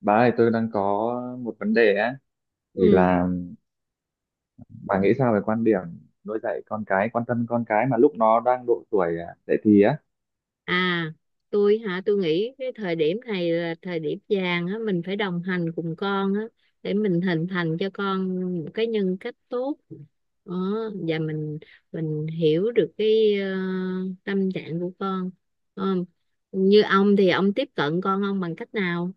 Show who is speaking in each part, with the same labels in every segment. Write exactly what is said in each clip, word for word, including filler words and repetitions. Speaker 1: Bà ơi, tôi đang có một vấn đề á, thì
Speaker 2: Ừ.
Speaker 1: là bà nghĩ sao về quan điểm nuôi dạy con cái, quan tâm con cái mà lúc nó đang độ tuổi à, dậy thì á?
Speaker 2: À, tôi hả, tôi nghĩ cái thời điểm này là thời điểm vàng á, mình phải đồng hành cùng con á, để mình hình thành cho con một cái nhân cách tốt. Đó, và mình mình hiểu được cái ờ, tâm trạng của con. Ờ, Như ông thì ông tiếp cận con ông bằng cách nào?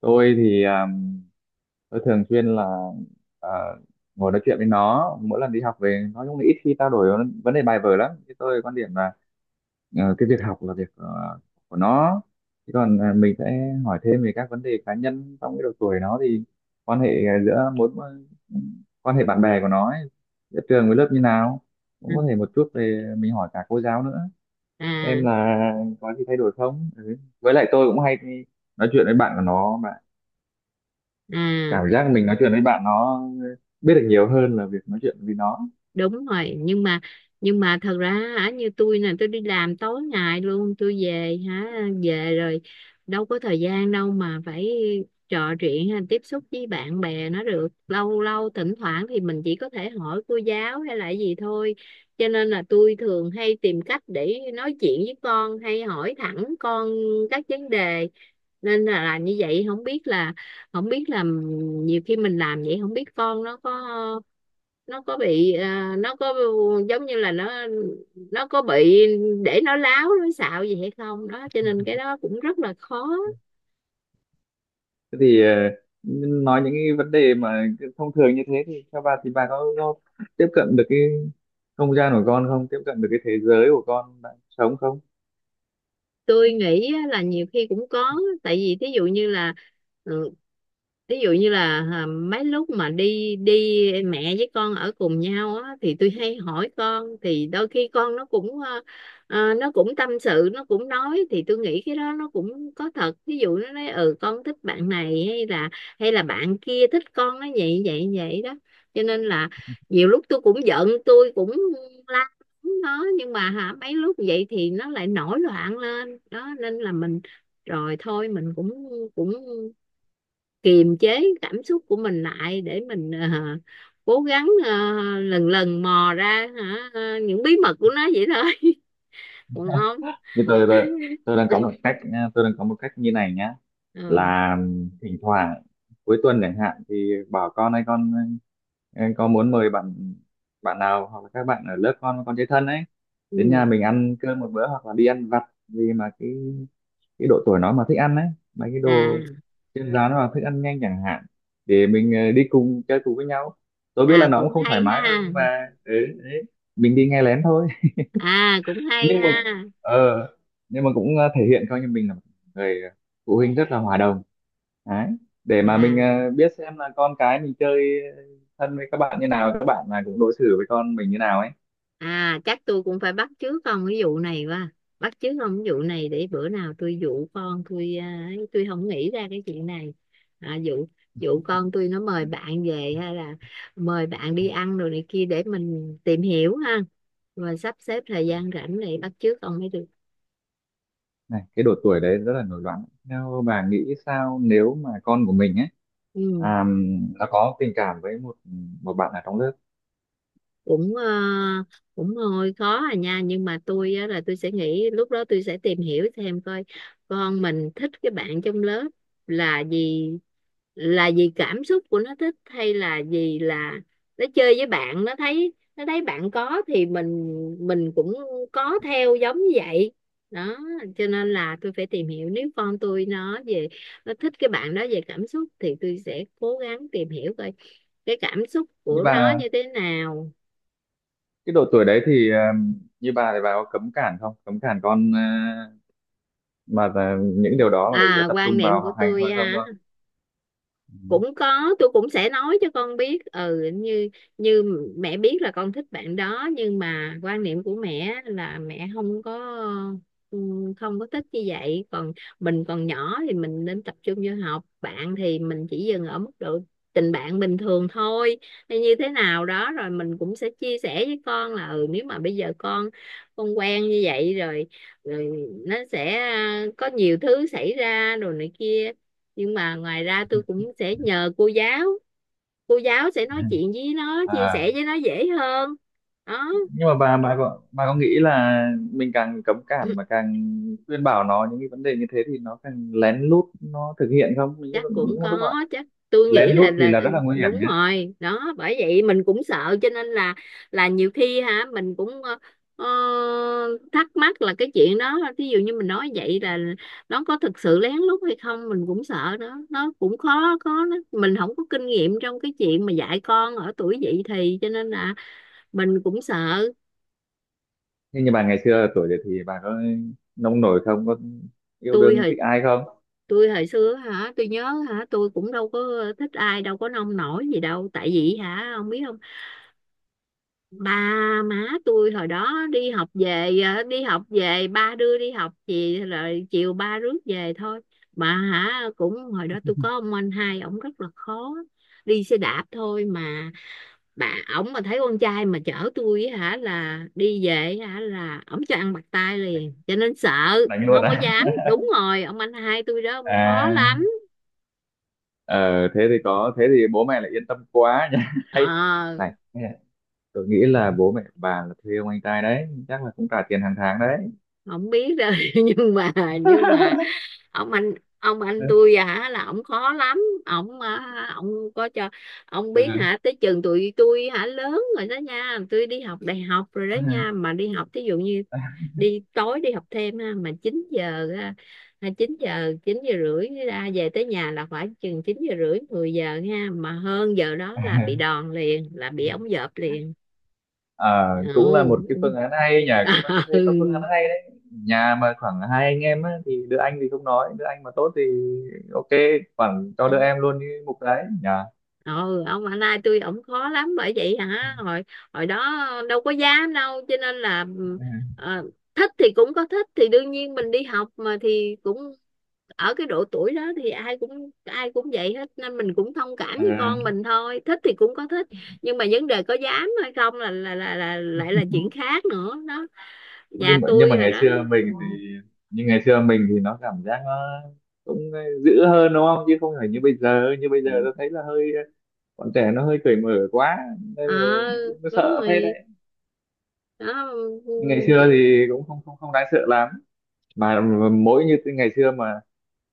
Speaker 1: Tôi thì à, tôi thường xuyên là à, ngồi nói chuyện với nó, mỗi lần đi học về nó cũng ít khi trao đổi vấn vấn đề bài vở lắm. Thì tôi quan điểm là Ờ, cái việc học là việc ờ, của nó. Thế còn ờ, mình sẽ hỏi thêm về các vấn đề cá nhân trong cái độ tuổi nó, thì quan hệ ờ, giữa mối quan hệ bạn bè của nó ấy, giữa trường với lớp như nào, cũng
Speaker 2: À,
Speaker 1: có thể một chút về mình hỏi cả cô giáo nữa xem
Speaker 2: à.
Speaker 1: là có gì thay đổi không, ừ. Với lại tôi cũng hay đi nói chuyện với bạn của nó mà,
Speaker 2: À.
Speaker 1: cảm giác mình nói chuyện với bạn nó ờ, biết được nhiều hơn là việc nói chuyện với nó.
Speaker 2: Đúng rồi, nhưng mà nhưng mà thật ra hả, như tôi nè, tôi đi làm tối ngày luôn, tôi về hả, về rồi đâu có thời gian đâu mà phải trò chuyện hay tiếp xúc với bạn bè nó được lâu. Lâu thỉnh thoảng thì mình chỉ có thể hỏi cô giáo hay là gì thôi, cho nên là tôi thường hay tìm cách để nói chuyện với con hay hỏi thẳng con các vấn đề, nên là, là như vậy. Không biết là không biết là nhiều khi mình làm vậy không biết con nó có, nó có bị à, nó có giống như là nó nó có bị để nó láo nó xạo gì hay không đó, cho nên cái đó cũng rất là khó.
Speaker 1: Thế thì ờ, nói những cái vấn đề mà cứ thông thường như thế thì theo bà thì bà có, có tiếp cận được cái không gian của con không, tiếp cận được cái thế giới của con đang sống không?
Speaker 2: Tôi nghĩ á, là nhiều khi cũng có, tại vì thí dụ như là ừ, ví dụ như là à, mấy lúc mà đi đi mẹ với con ở cùng nhau á thì tôi hay hỏi con, thì đôi khi con nó cũng ờ, ờ, nó cũng tâm sự, nó cũng nói, thì tôi nghĩ cái đó nó cũng có thật. Ví dụ nó nói ừ con thích bạn này hay là, hay là bạn kia thích con, nó vậy vậy vậy đó, cho nên là nhiều lúc tôi cũng giận, tôi cũng la nó, nhưng mà hả mấy lúc vậy thì nó lại nổi loạn lên đó, nên là mình rồi thôi mình cũng cũng kiềm chế cảm xúc của mình lại để mình ờ, cố gắng ờ, lần lần mò ra hả ờ, những bí mật của nó vậy thôi. Còn ông?
Speaker 1: Như tôi tôi, tôi đang có một cách nha, tôi đang có một cách như này nhá,
Speaker 2: Ừ.
Speaker 1: là thỉnh thoảng cuối tuần chẳng hạn thì bảo con hay con ờ, có muốn mời bạn bạn nào hoặc là các bạn ở lớp con con chơi thân ấy đến nhà
Speaker 2: Ừ.
Speaker 1: mình ăn cơm một bữa, hoặc là đi ăn vặt. Vì mà cái cái độ tuổi nó mà thích ăn ấy, mấy cái đồ
Speaker 2: À.
Speaker 1: trên rán hoặc thức ăn nhanh chẳng hạn, để mình ờ, đi cùng chơi cùng với nhau. Tôi biết là
Speaker 2: À
Speaker 1: nó cũng
Speaker 2: cũng
Speaker 1: không thoải
Speaker 2: hay
Speaker 1: mái đâu,
Speaker 2: ha.
Speaker 1: nhưng mà ừ, đấy, mình đi nghe lén thôi.
Speaker 2: À cũng hay
Speaker 1: Nhưng mà
Speaker 2: ha.
Speaker 1: ờ, nhưng mà cũng ờ, thể hiện coi như mình là một người phụ huynh rất là hòa đồng đấy, để
Speaker 2: À.
Speaker 1: mà mình ờ, biết xem là con cái mình chơi thân với các bạn như nào, các bạn là cũng đối xử với con mình như nào ấy.
Speaker 2: À chắc tôi cũng phải bắt chước ông cái vụ này quá. Bắt chước ông cái vụ này để bữa nào tôi dụ con tôi à, ấy, tôi không nghĩ ra cái chuyện này. À, dụ dụ con tôi nó mời bạn về hay là mời bạn đi ăn rồi này kia để mình tìm hiểu ha. Rồi sắp xếp thời gian rảnh để bắt chước ông mới được.
Speaker 1: Này, cái độ tuổi đấy rất là nổi loạn, theo bà nghĩ sao nếu mà con của mình ấy
Speaker 2: Ừ.
Speaker 1: à, nó có tình cảm với một một bạn ở trong lớp?
Speaker 2: Cũng ờ, cũng hơi khó à nha, nhưng mà tôi á, là tôi sẽ nghĩ lúc đó tôi sẽ tìm hiểu thêm coi con mình thích cái bạn trong lớp là gì, là vì cảm xúc của nó thích hay là vì là nó chơi với bạn nó thấy, nó thấy bạn có thì mình mình cũng có theo giống như vậy đó, cho nên là tôi phải tìm hiểu. Nếu con tôi nó về nó thích cái bạn đó về cảm xúc thì tôi sẽ cố gắng tìm hiểu coi cái cảm xúc
Speaker 1: Nhưng
Speaker 2: của nó
Speaker 1: mà
Speaker 2: như thế nào.
Speaker 1: cái độ tuổi đấy thì ờ, như bà thì bà có cấm cản không, cấm cản con ờ, mà là những điều đó mà để yếu
Speaker 2: À,
Speaker 1: tập
Speaker 2: quan
Speaker 1: trung
Speaker 2: niệm
Speaker 1: vào
Speaker 2: của
Speaker 1: học hành
Speaker 2: tôi
Speaker 1: thôi không
Speaker 2: á,
Speaker 1: thôi? Ừ.
Speaker 2: cũng có, tôi cũng sẽ nói cho con biết ừ như như mẹ biết là con thích bạn đó, nhưng mà quan niệm của mẹ là mẹ không có ừ, không có thích như vậy. Còn mình còn nhỏ thì mình nên tập trung vô học, bạn thì mình chỉ dừng ở mức độ tình bạn bình thường thôi hay như thế nào đó. Rồi mình cũng sẽ chia sẻ với con là ừ nếu mà bây giờ con con quen như vậy rồi, rồi nó sẽ à, có nhiều thứ xảy ra đồ này kia. Nhưng mà ngoài ra tôi cũng sẽ nhờ cô giáo, cô giáo sẽ nói chuyện với nó, chia sẻ
Speaker 1: À,
Speaker 2: với nó dễ hơn. Đó.
Speaker 1: nhưng mà bà bà có bà có nghĩ là mình càng cấm cản mà càng khuyên bảo nó những cái vấn đề như thế thì nó càng lén lút nó thực hiện không, những
Speaker 2: Chắc cũng
Speaker 1: những
Speaker 2: có,
Speaker 1: lúc mà
Speaker 2: chắc tôi
Speaker 1: lén
Speaker 2: nghĩ
Speaker 1: lút
Speaker 2: là
Speaker 1: thì
Speaker 2: là
Speaker 1: là rất là
Speaker 2: ừ,
Speaker 1: nguy hiểm
Speaker 2: đúng
Speaker 1: nhá?
Speaker 2: rồi đó, bởi vậy mình cũng sợ cho nên là là nhiều khi hả mình cũng ờ, ờ, thắc mắc là cái chuyện đó, ví dụ như mình nói vậy là nó có thực sự lén lút hay không, mình cũng sợ đó. Nó cũng khó, có nó mình không có kinh nghiệm trong cái chuyện mà dạy con ở tuổi dậy thì, cho nên là mình cũng sợ.
Speaker 1: Nhưng như bà ngày xưa ở tuổi đấy thì bà có nông nổi không, có yêu
Speaker 2: tôi
Speaker 1: đương
Speaker 2: hồi
Speaker 1: thích ai không?
Speaker 2: tôi hồi xưa hả, tôi nhớ hả, tôi cũng đâu có thích ai, đâu có nông nổi gì đâu, tại vì hả ông biết không, ba má tôi hồi đó đi học về ờ, đi học về ba đưa đi học gì rồi chiều ba rước về thôi, mà hả cũng hồi đó tôi có ông anh hai ổng rất là khó. Đi xe đạp thôi mà bà, ổng mà thấy con trai mà chở tôi á hả là đi về hả là ổng cho ăn bạc tai liền, cho nên sợ
Speaker 1: Đánh luôn
Speaker 2: không có
Speaker 1: á?
Speaker 2: dám. Đúng rồi, ông anh hai tôi đó ông khó lắm.
Speaker 1: À. Ờ, thế thì có, thế thì bố mẹ lại yên tâm quá nhá.
Speaker 2: Ờ
Speaker 1: Hay này, tôi nghĩ là bố mẹ bà là thuê ông anh trai đấy chắc là cũng trả tiền hàng tháng đấy.
Speaker 2: không biết rồi. Nhưng mà, nhưng mà ông anh ông
Speaker 1: Ừ.
Speaker 2: anh tôi hả là ổng khó lắm. Ổng à, ổng có cho ông biết hả tới chừng tụi tôi hả lớn rồi đó nha, tôi đi học đại học rồi đó
Speaker 1: Ừ.
Speaker 2: nha, mà đi học thí dụ như đi tối đi học thêm ha mà chín giờ ha, chín giờ chín giờ rưỡi ra về, tới nhà là phải chừng chín giờ rưỡi mười giờ ha, mà hơn giờ đó là bị đòn liền, là bị ống dợp liền.
Speaker 1: Ờ, cũng là một cái
Speaker 2: Ừ.
Speaker 1: phương án hay nhỉ, cũng là tôi thấy có phương án hay đấy. Nhà mà khoảng hai anh em á, thì đứa anh thì không nói, đứa anh mà tốt thì ok, khoảng cho
Speaker 2: Ừ.
Speaker 1: đứa em luôn đi mục đấy nhỉ.
Speaker 2: Ừ ông anh hai tôi ổng khó lắm, bởi vậy hả hồi hồi đó đâu có dám đâu, cho nên là
Speaker 1: Ừ.
Speaker 2: ờ, thích thì cũng có thích thì đương nhiên mình đi học mà thì cũng ở cái độ tuổi đó thì ai cũng ai cũng vậy hết, nên mình cũng thông cảm
Speaker 1: Ừ.
Speaker 2: với con mình thôi, thích thì cũng có thích. Nhưng mà vấn đề có dám hay không là là là, là lại là chuyện khác nữa đó. Nhà
Speaker 1: nhưng mà nhưng
Speaker 2: tôi
Speaker 1: mà
Speaker 2: rồi
Speaker 1: Ngày
Speaker 2: đó.
Speaker 1: xưa mình thì, nhưng ngày xưa mình thì nó cảm giác nó cũng dữ hơn đúng không, chứ không phải như bây giờ. Như bây giờ
Speaker 2: Ừ.
Speaker 1: tôi thấy là hơi, bọn trẻ nó hơi cởi mở quá nên
Speaker 2: Ờ
Speaker 1: là cũng
Speaker 2: đúng
Speaker 1: sợ phết đấy.
Speaker 2: rồi đó.
Speaker 1: Ngày xưa thì cũng không không không đáng sợ lắm, mà mỗi như ngày xưa mà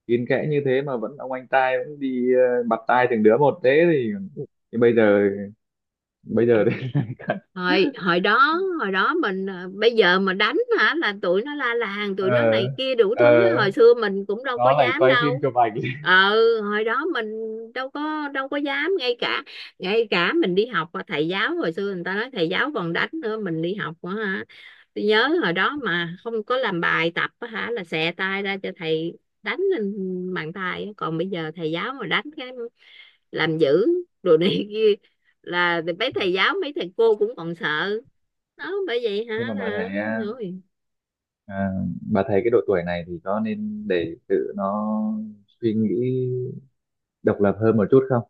Speaker 1: kín kẽ như thế mà vẫn ông anh trai vẫn đi ờ, bặt tai từng đứa một thế thì, thì bây giờ, bây giờ thì
Speaker 2: Hồi hồi đó hồi đó mình à, bây giờ mà đánh hả là tụi nó la làng, tụi nó
Speaker 1: ờ,
Speaker 2: này kia đủ
Speaker 1: ờ,
Speaker 2: thứ á. Hồi xưa mình cũng đâu có
Speaker 1: nó lại
Speaker 2: dám
Speaker 1: quay phim
Speaker 2: đâu.
Speaker 1: chụp ảnh.
Speaker 2: Ờ hồi đó mình đâu có đâu có dám, ngay cả ngay cả mình đi học á, thầy giáo hồi xưa người ta nói thầy giáo còn đánh nữa, mình đi học á hả, tôi nhớ hồi đó mà không có làm bài tập á hả là xẹ tay ra cho thầy đánh lên bàn tay á. Còn bây giờ thầy giáo mà đánh cái làm dữ đồ này kia là mấy thầy giáo mấy thầy cô cũng còn sợ đó, bởi vậy
Speaker 1: Nhưng
Speaker 2: hả
Speaker 1: mà bà
Speaker 2: là
Speaker 1: thấy à,
Speaker 2: rồi.
Speaker 1: À, bà thấy cái độ tuổi này thì có nên để tự nó suy nghĩ độc lập hơn một chút không?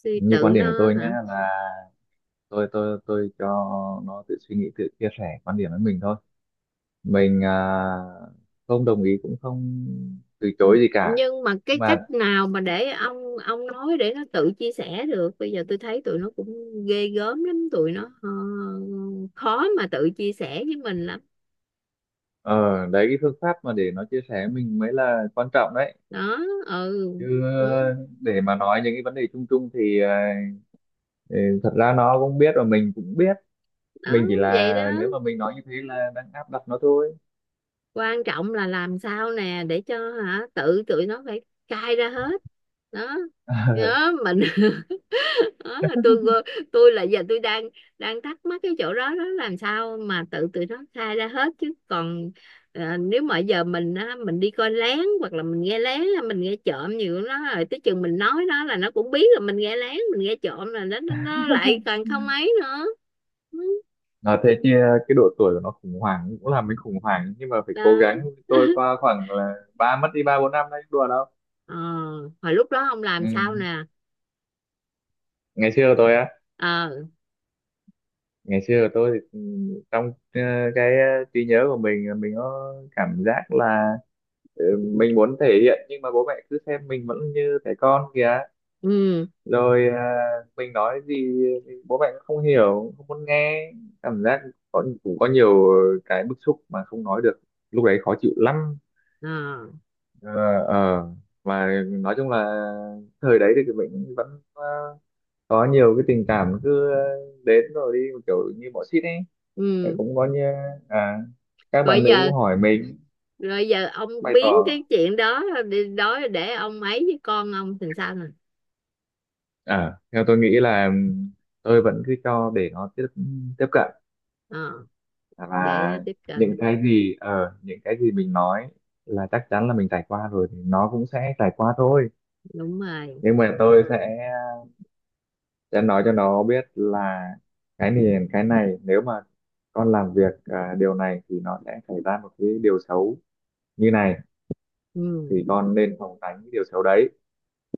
Speaker 2: Suy
Speaker 1: Như
Speaker 2: tự
Speaker 1: quan điểm của
Speaker 2: nó
Speaker 1: tôi nhá,
Speaker 2: hả?
Speaker 1: là tôi tôi tôi cho nó tự suy nghĩ, tự chia sẻ quan điểm với mình thôi. Mình à, không đồng ý cũng không từ chối gì cả.
Speaker 2: Nhưng mà
Speaker 1: Nhưng
Speaker 2: cái cách
Speaker 1: mà
Speaker 2: nào mà để ông ông nói để nó tự chia sẻ được? Bây giờ tôi thấy tụi nó cũng ghê gớm lắm, tụi nó ờ, khó mà tự chia sẻ với mình lắm.
Speaker 1: ờ, đấy, cái phương pháp mà để nó chia sẻ với mình mới là quan trọng đấy.
Speaker 2: Đó. Ừ.
Speaker 1: Chứ
Speaker 2: Ừ.
Speaker 1: ờ, để mà nói những cái vấn đề chung chung thì ờ, thì thật ra nó cũng biết và mình cũng biết,
Speaker 2: Đó.
Speaker 1: mình chỉ
Speaker 2: Vậy
Speaker 1: là
Speaker 2: đó,
Speaker 1: nếu mà mình nói như thế là đang áp đặt nó thôi.
Speaker 2: quan trọng là làm sao nè để cho hả tự tụi nó phải cai ra hết đó. Nhớ mình. Đó, tôi tôi là giờ tôi đang đang thắc mắc cái chỗ đó đó, làm sao mà tự tụi nó khai ra hết chứ còn à, nếu mà giờ mình á, mình đi coi lén hoặc là mình nghe lén, là mình nghe trộm nhiều của nó, rồi tới chừng mình nói nó là nó cũng biết là mình nghe lén mình nghe trộm, là nó nó nó lại càng không ấy nữa. Ừ,
Speaker 1: Nói thế chứ cái độ tuổi của nó khủng hoảng cũng làm mình khủng hoảng, nhưng mà phải
Speaker 2: đó.
Speaker 1: cố gắng. Tôi qua khoảng là ba mất đi ba bốn năm đấy, đùa đâu.
Speaker 2: Ờ hồi lúc đó ông làm sao
Speaker 1: Ừ.
Speaker 2: nè?
Speaker 1: Ngày xưa của tôi á,
Speaker 2: Ờ.
Speaker 1: ngày xưa của tôi thì ừ, trong ờ, cái ờ, trí nhớ của mình ờ, mình có cảm giác là ừ, mình muốn thể hiện nhưng mà bố mẹ cứ xem mình vẫn như trẻ con kìa.
Speaker 2: Ừ.
Speaker 1: Rồi à, mình nói gì thì bố mẹ cũng không hiểu, không muốn nghe, cảm giác có cũng có nhiều cái bức xúc mà không nói được, lúc đấy khó chịu lắm.
Speaker 2: Ờ.
Speaker 1: Ờ, ờ. Mà nói chung là thời đấy thì mình vẫn ờ, có nhiều cái tình cảm cứ ờ, đến rồi đi, một kiểu như bỏ xít ấy. Vậy
Speaker 2: Ừ.
Speaker 1: cũng có như à các
Speaker 2: rồi
Speaker 1: bạn nữ
Speaker 2: giờ
Speaker 1: cũng hỏi mình
Speaker 2: rồi giờ ông
Speaker 1: bày
Speaker 2: biến
Speaker 1: tỏ.
Speaker 2: cái chuyện đó đi đó, để ông ấy với con ông thì sao nè?
Speaker 1: À, theo tôi nghĩ là tôi vẫn cứ cho để nó tiếp tiếp cận,
Speaker 2: ờ, để nó
Speaker 1: và
Speaker 2: tiếp cận.
Speaker 1: những cái gì ở những cái gì mình nói là chắc chắn là mình trải qua rồi thì nó cũng sẽ trải qua thôi.
Speaker 2: Đúng rồi.
Speaker 1: Nhưng mà tôi sẽ sẽ nói cho nó biết là cái này cái này nếu mà con làm việc à, điều này thì nó sẽ xảy ra một cái điều xấu như này,
Speaker 2: Ừ.
Speaker 1: thì con nên phòng tránh cái điều xấu đấy.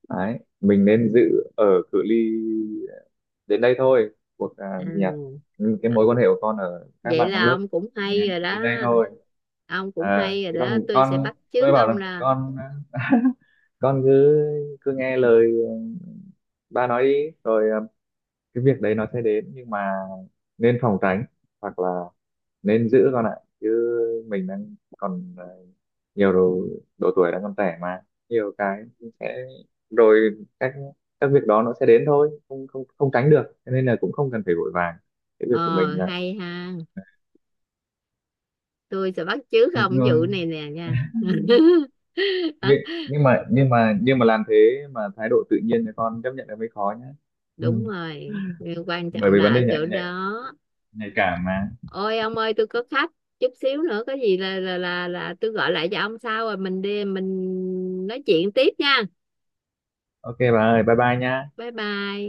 Speaker 1: Đấy, mình nên giữ ở cự ly đến đây thôi, cuộc à, gì nhỉ,
Speaker 2: À,
Speaker 1: ừ, cái mối quan hệ của con ở các
Speaker 2: vậy
Speaker 1: bạn trong
Speaker 2: là
Speaker 1: lớp
Speaker 2: ông cũng
Speaker 1: đến
Speaker 2: hay rồi đó.
Speaker 1: đến đây thôi.
Speaker 2: Ông cũng
Speaker 1: À
Speaker 2: hay rồi
Speaker 1: thì
Speaker 2: đó,
Speaker 1: còn
Speaker 2: tôi sẽ
Speaker 1: con,
Speaker 2: bắt chước
Speaker 1: tôi bảo
Speaker 2: ông
Speaker 1: là
Speaker 2: ra.
Speaker 1: con à, con cứ cứ nghe lời ừ, ba nói đi, rồi à, cái việc đấy nó sẽ đến, nhưng mà nên phòng tránh, hoặc là nên giữ con ạ. Chứ mình đang còn à, nhiều đồ, độ tuổi đang còn trẻ mà nhiều cái sẽ, rồi các các việc đó nó sẽ đến thôi, không không không tránh được, cho nên là cũng không cần phải vội vàng, cái việc của
Speaker 2: Ờ
Speaker 1: mình là.
Speaker 2: hay ha, tôi sẽ bắt chước
Speaker 1: Ừ.
Speaker 2: ông vụ này nè nha.
Speaker 1: nhưng, nhưng mà nhưng mà nhưng mà làm thế mà thái độ tự nhiên thì con chấp nhận là mới khó nhá.
Speaker 2: Đúng
Speaker 1: Ừ.
Speaker 2: rồi, quan
Speaker 1: Bởi
Speaker 2: trọng
Speaker 1: vì
Speaker 2: là
Speaker 1: vấn
Speaker 2: ở
Speaker 1: đề nhạy
Speaker 2: chỗ
Speaker 1: nhạy
Speaker 2: đó.
Speaker 1: nhạy cảm mà.
Speaker 2: Ôi ông ơi tôi có khách, chút xíu nữa có gì là là là là tôi gọi lại cho ông sau, rồi mình đi mình nói chuyện tiếp nha.
Speaker 1: Ok bà ơi, bye bye nhá.
Speaker 2: Bye bye.